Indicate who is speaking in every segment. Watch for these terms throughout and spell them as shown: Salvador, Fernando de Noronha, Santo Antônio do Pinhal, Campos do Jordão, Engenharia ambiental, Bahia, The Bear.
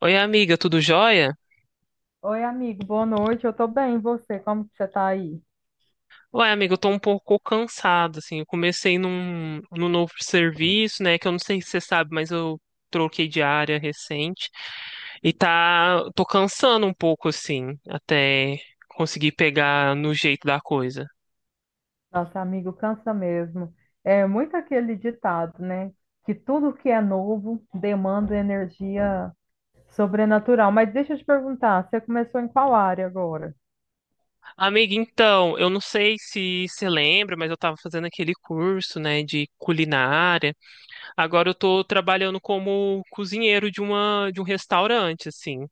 Speaker 1: Oi, amiga, tudo jóia?
Speaker 2: Oi, amigo, boa noite. Eu tô bem, e você? Como que você tá aí?
Speaker 1: Ué, amiga, eu tô um pouco cansado, assim. Eu comecei num novo serviço, né? Que eu não sei se você sabe, mas eu troquei de área recente. E tá, tô cansando um pouco, assim, até conseguir pegar no jeito da coisa.
Speaker 2: Nossa, amigo, cansa mesmo. É muito aquele ditado, né? Que tudo que é novo demanda energia sobrenatural. Mas deixa eu te perguntar, você começou em qual área agora?
Speaker 1: Amiga, então, eu não sei se você lembra, mas eu tava fazendo aquele curso, né, de culinária. Agora eu tô trabalhando como cozinheiro de um restaurante, assim.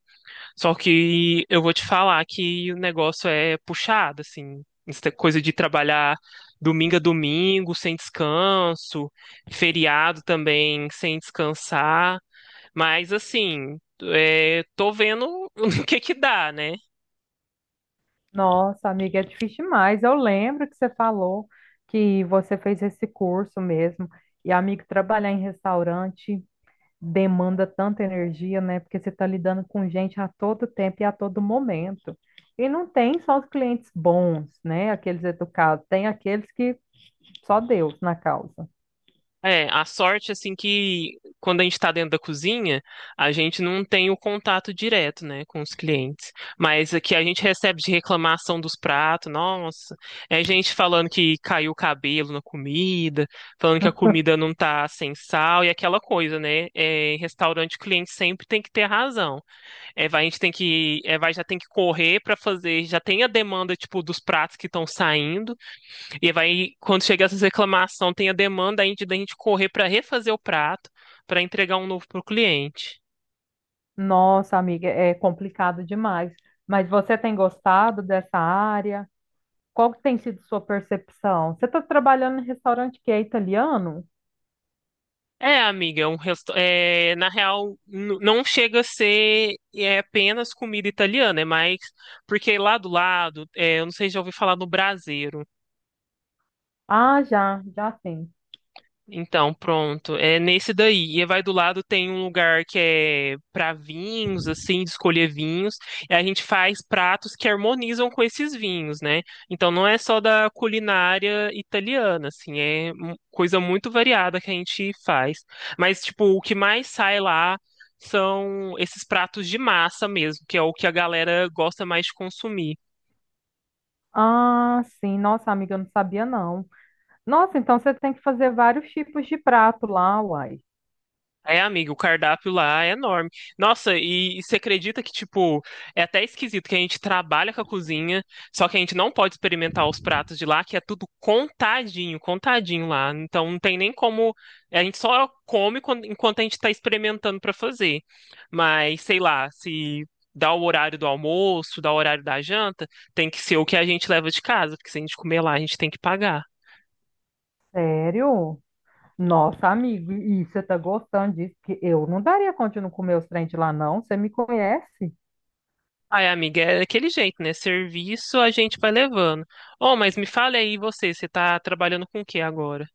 Speaker 1: Só que eu vou te falar que o negócio é puxado, assim. Essa coisa de trabalhar domingo a domingo, sem descanso, feriado também, sem descansar. Mas, assim, tô vendo o que que dá, né?
Speaker 2: Nossa, amiga, é difícil demais. Eu lembro que você falou que você fez esse curso mesmo. E, amigo, trabalhar em restaurante demanda tanta energia, né? Porque você está lidando com gente a todo tempo e a todo momento. E não tem só os clientes bons, né? Aqueles educados, tem aqueles que só Deus na causa.
Speaker 1: É, a sorte, assim, que quando a gente está dentro da cozinha, a gente não tem o contato direto, né, com os clientes. Mas aqui a gente recebe de reclamação dos pratos, nossa, é gente falando que caiu o cabelo na comida, falando que a comida não tá sem sal e aquela coisa, né? É, em restaurante, o cliente sempre tem que ter razão. É, vai, a gente tem que, já tem que correr para fazer, já tem a demanda, tipo, dos pratos que estão saindo. E vai, quando chega essas reclamação, tem a demanda aí de da gente correr para refazer o prato, para entregar um novo pro cliente.
Speaker 2: Nossa, amiga, é complicado demais. Mas você tem gostado dessa área? Qual que tem sido sua percepção? Você está trabalhando em restaurante que é italiano?
Speaker 1: É, amiga, é, na real, não chega a ser apenas comida italiana, é mais porque lá do lado, eu não sei se já ouvi falar no braseiro.
Speaker 2: Ah, já, já sim.
Speaker 1: Então, pronto. É nesse daí. E vai do lado tem um lugar que é para vinhos, assim, de escolher vinhos. E a gente faz pratos que harmonizam com esses vinhos, né? Então não é só da culinária italiana, assim, é coisa muito variada que a gente faz. Mas, tipo, o que mais sai lá são esses pratos de massa mesmo, que é o que a galera gosta mais de consumir.
Speaker 2: Ah, sim. Nossa, amiga, eu não sabia não. Nossa, então você tem que fazer vários tipos de prato lá, uai.
Speaker 1: É, amiga, o cardápio lá é enorme. Nossa, e você acredita que, tipo, é até esquisito que a gente trabalha com a cozinha, só que a gente não pode experimentar os pratos de lá, que é tudo contadinho, contadinho lá. Então não tem nem como. A gente só come enquanto a gente tá experimentando pra fazer. Mas, sei lá, se dá o horário do almoço, dá o horário da janta, tem que ser o que a gente leva de casa, porque se a gente comer lá, a gente tem que pagar.
Speaker 2: Sério? Nossa, amigo, e você tá gostando disso? Que eu não daria conta de não comer os trem de lá, não. Você me conhece?
Speaker 1: Ai, amiga, é daquele jeito, né? Serviço a gente vai levando. Oh, mas me fale aí você, você tá trabalhando com o que agora?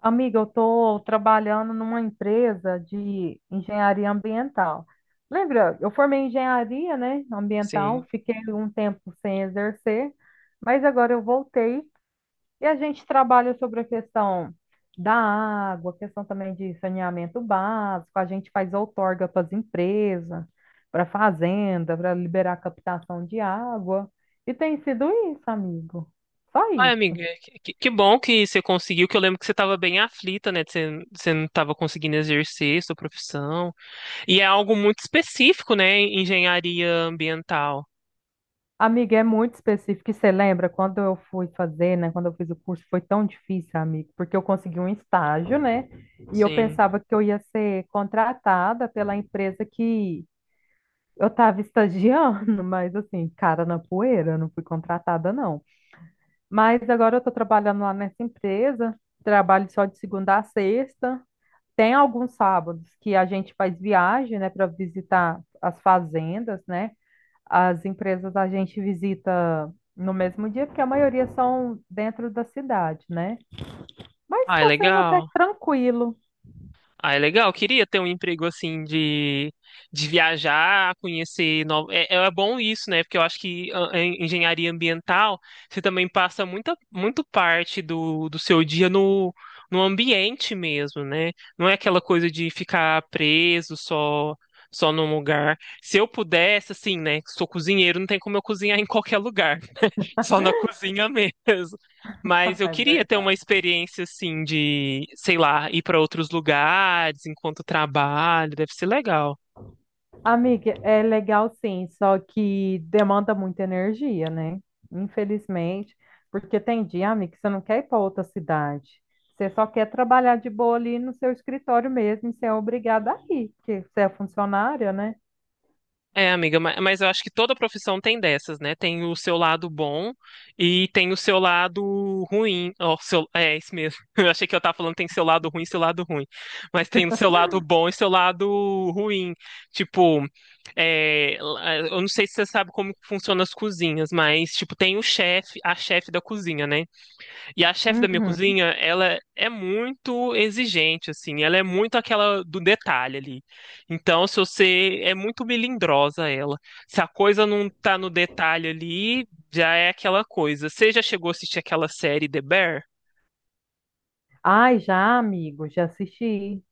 Speaker 2: Amiga, eu estou trabalhando numa empresa de engenharia ambiental. Lembra, eu formei em engenharia, né, ambiental,
Speaker 1: Sim.
Speaker 2: fiquei um tempo sem exercer, mas agora eu voltei e a gente trabalha sobre a questão da água, questão também de saneamento básico, a gente faz outorga para as empresas, para fazenda, para liberar a captação de água. E tem sido isso, amigo. Só
Speaker 1: Ai,
Speaker 2: isso.
Speaker 1: amiga, é que, que bom que você conseguiu, que eu lembro que você tava bem aflita, né? que Você, você não tava conseguindo exercer sua profissão. E é algo muito específico, né? Engenharia ambiental.
Speaker 2: Amiga, é muito específico. E você lembra quando eu fui fazer, né? Quando eu fiz o curso, foi tão difícil, amigo, porque eu consegui um estágio, né? E eu
Speaker 1: Sim.
Speaker 2: pensava que eu ia ser contratada pela empresa que eu estava estagiando, mas assim, cara na poeira, eu não fui contratada, não. Mas agora eu estou trabalhando lá nessa empresa, trabalho só de segunda a sexta. Tem alguns sábados que a gente faz viagem, né, para visitar as fazendas, né? As empresas a gente visita no mesmo dia, porque a maioria são dentro da cidade, né? Mas
Speaker 1: Ai,
Speaker 2: está sendo até
Speaker 1: legal.
Speaker 2: tranquilo.
Speaker 1: Ah, é legal. Eu queria ter um emprego assim de viajar, conhecer novo. É, é bom isso, né? Porque eu acho que a engenharia ambiental, você também passa muita muito parte do seu dia no ambiente mesmo, né? Não é aquela coisa de ficar preso só num lugar. Se eu pudesse, assim, né? Sou cozinheiro, não tem como eu cozinhar em qualquer lugar só na cozinha mesmo. Mas eu
Speaker 2: É
Speaker 1: queria ter uma
Speaker 2: verdade.
Speaker 1: experiência assim de, sei lá, ir para outros lugares enquanto trabalho, deve ser legal.
Speaker 2: Amiga, é legal sim, só que demanda muita energia, né? Infelizmente, porque tem dia, amiga, que você não quer ir para outra cidade. Você só quer trabalhar de boa ali no seu escritório mesmo, e você é obrigada a ir, porque você é funcionária, né?
Speaker 1: É, amiga, mas eu acho que toda profissão tem dessas, né? Tem o seu lado bom e tem o seu lado ruim. É, isso mesmo. Eu achei que eu tava falando tem seu lado ruim, seu lado ruim. Mas tem o seu lado bom e seu lado ruim. Tipo, eu não sei se você sabe como funcionam as cozinhas, mas, tipo, tem o chefe, a chefe da cozinha, né? E a chefe da minha
Speaker 2: Uhum.
Speaker 1: cozinha, ela é muito exigente, assim, ela é muito aquela do detalhe ali. Então, se você é muito melindrosa ela. Se a coisa não tá no detalhe ali, já é aquela coisa. Você já chegou a assistir aquela série The Bear?
Speaker 2: Ai, já, amigo, já assisti.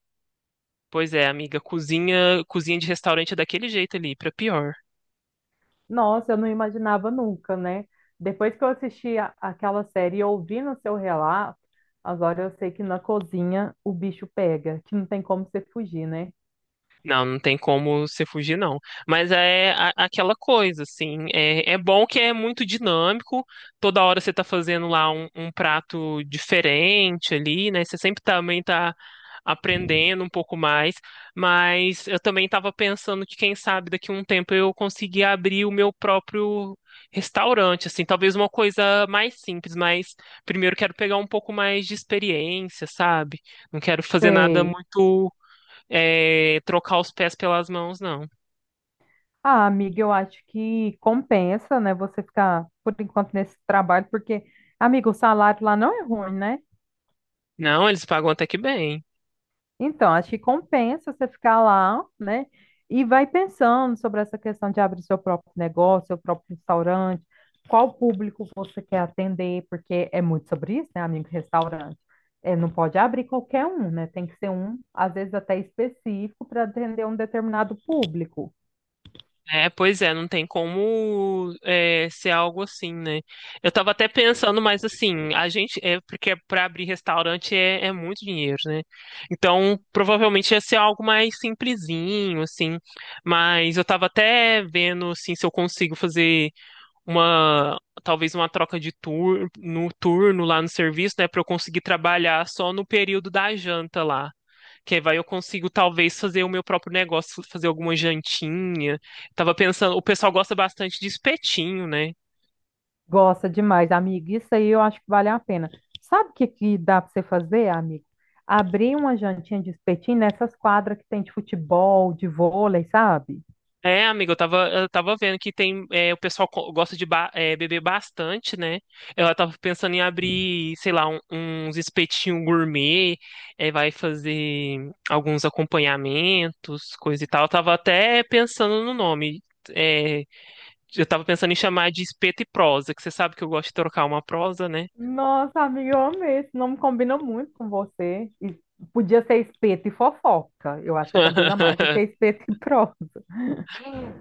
Speaker 1: Pois é, amiga, cozinha, cozinha de restaurante é daquele jeito ali, pra pior.
Speaker 2: Nossa, eu não imaginava nunca, né? Depois que eu assisti aquela série e ouvindo o seu relato, agora eu sei que na cozinha o bicho pega, que não tem como você fugir, né?
Speaker 1: Não, não tem como você fugir, não. Mas é aquela coisa, assim. É, é bom que é muito dinâmico. Toda hora você tá fazendo lá um prato diferente ali, né? Você sempre também tá aprendendo um pouco mais. Mas eu também tava pensando que, quem sabe, daqui a um tempo eu conseguir abrir o meu próprio restaurante, assim. Talvez uma coisa mais simples, mas primeiro quero pegar um pouco mais de experiência, sabe? Não quero fazer nada
Speaker 2: Sei.
Speaker 1: muito é, trocar os pés pelas mãos, não.
Speaker 2: Ah, amiga, eu acho que compensa, né, você ficar por enquanto nesse trabalho, porque, amiga, o salário lá não é ruim, né?
Speaker 1: Não, eles pagam até que bem.
Speaker 2: Então, acho que compensa você ficar lá, né? E vai pensando sobre essa questão de abrir seu próprio negócio, seu próprio restaurante, qual público você quer atender, porque é muito sobre isso, né, amigo? Restaurante. É, não pode abrir qualquer um, né? Tem que ser um, às vezes até específico, para atender um determinado público.
Speaker 1: É, pois é, não tem como é, ser algo assim, né? Eu tava até pensando, mas assim, a gente, é, porque para abrir restaurante é muito dinheiro, né? Então, provavelmente ia ser algo mais simplesinho, assim. Mas eu tava até vendo, assim, se eu consigo fazer uma, talvez uma troca de tur no turno lá no serviço, né? Para eu conseguir trabalhar só no período da janta lá. Que vai eu consigo talvez fazer o meu próprio negócio, fazer alguma jantinha. Tava pensando, o pessoal gosta bastante de espetinho, né?
Speaker 2: Gosta demais, amigo. Isso aí eu acho que vale a pena. Sabe o que, que dá para você fazer, amigo? Abrir uma jantinha de espetinho nessas quadras que tem de futebol, de vôlei, sabe?
Speaker 1: É, amiga, eu tava vendo que tem, é, o pessoal gosta de é, beber bastante, né? Ela tava pensando em abrir, sei lá, uns espetinhos gourmet, é, vai fazer alguns acompanhamentos, coisa e tal. Eu tava até pensando no nome. é, eu tava pensando em chamar de Espeto e Prosa, que você sabe que eu gosto de trocar uma prosa, né?
Speaker 2: Nossa, amiga, eu amei. Esse nome combina muito com você. E podia ser espeto e fofoca. Eu acho que combina mais do que espeto e prosa.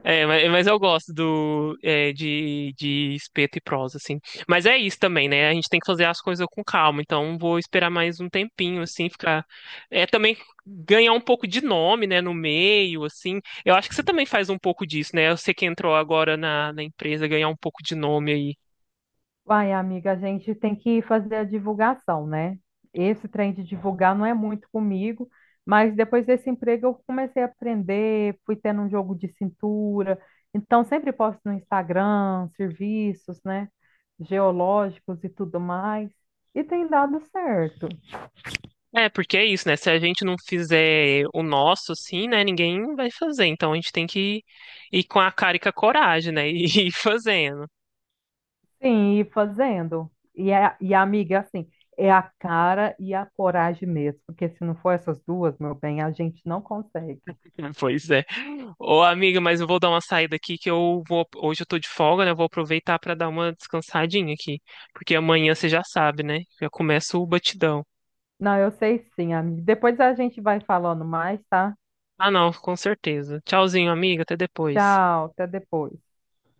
Speaker 1: É, mas eu gosto de espeto e prosa, assim. Mas é isso também, né? A gente tem que fazer as coisas com calma. Então, vou esperar mais um tempinho, assim, ficar. É também ganhar um pouco de nome, né, no meio, assim. Eu acho que você também faz um pouco disso, né? Você que entrou agora na empresa, ganhar um pouco de nome aí.
Speaker 2: Vai, amiga, a gente tem que fazer a divulgação, né? Esse trem de divulgar não é muito comigo, mas depois desse emprego eu comecei a aprender, fui tendo um jogo de cintura. Então, sempre posto no Instagram, serviços, né? Geológicos e tudo mais. E tem dado certo.
Speaker 1: É, porque é isso, né? Se a gente não fizer o nosso, assim, né, ninguém vai fazer. Então, a gente tem que ir com a cara e com a coragem, né? E ir fazendo.
Speaker 2: Sim, e fazendo. E a amiga, assim, é a cara e a coragem mesmo, porque se não for essas duas, meu bem, a gente não consegue.
Speaker 1: Pois é. Ô, amiga, mas eu vou dar uma saída aqui que eu vou. Hoje eu tô de folga, né? Eu vou aproveitar pra dar uma descansadinha aqui. Porque amanhã você já sabe, né? Já começa o batidão.
Speaker 2: Não, eu sei sim, amiga. Depois a gente vai falando mais, tá?
Speaker 1: Ah, não, com certeza. Tchauzinho, amiga. Até depois.
Speaker 2: Tchau, até depois.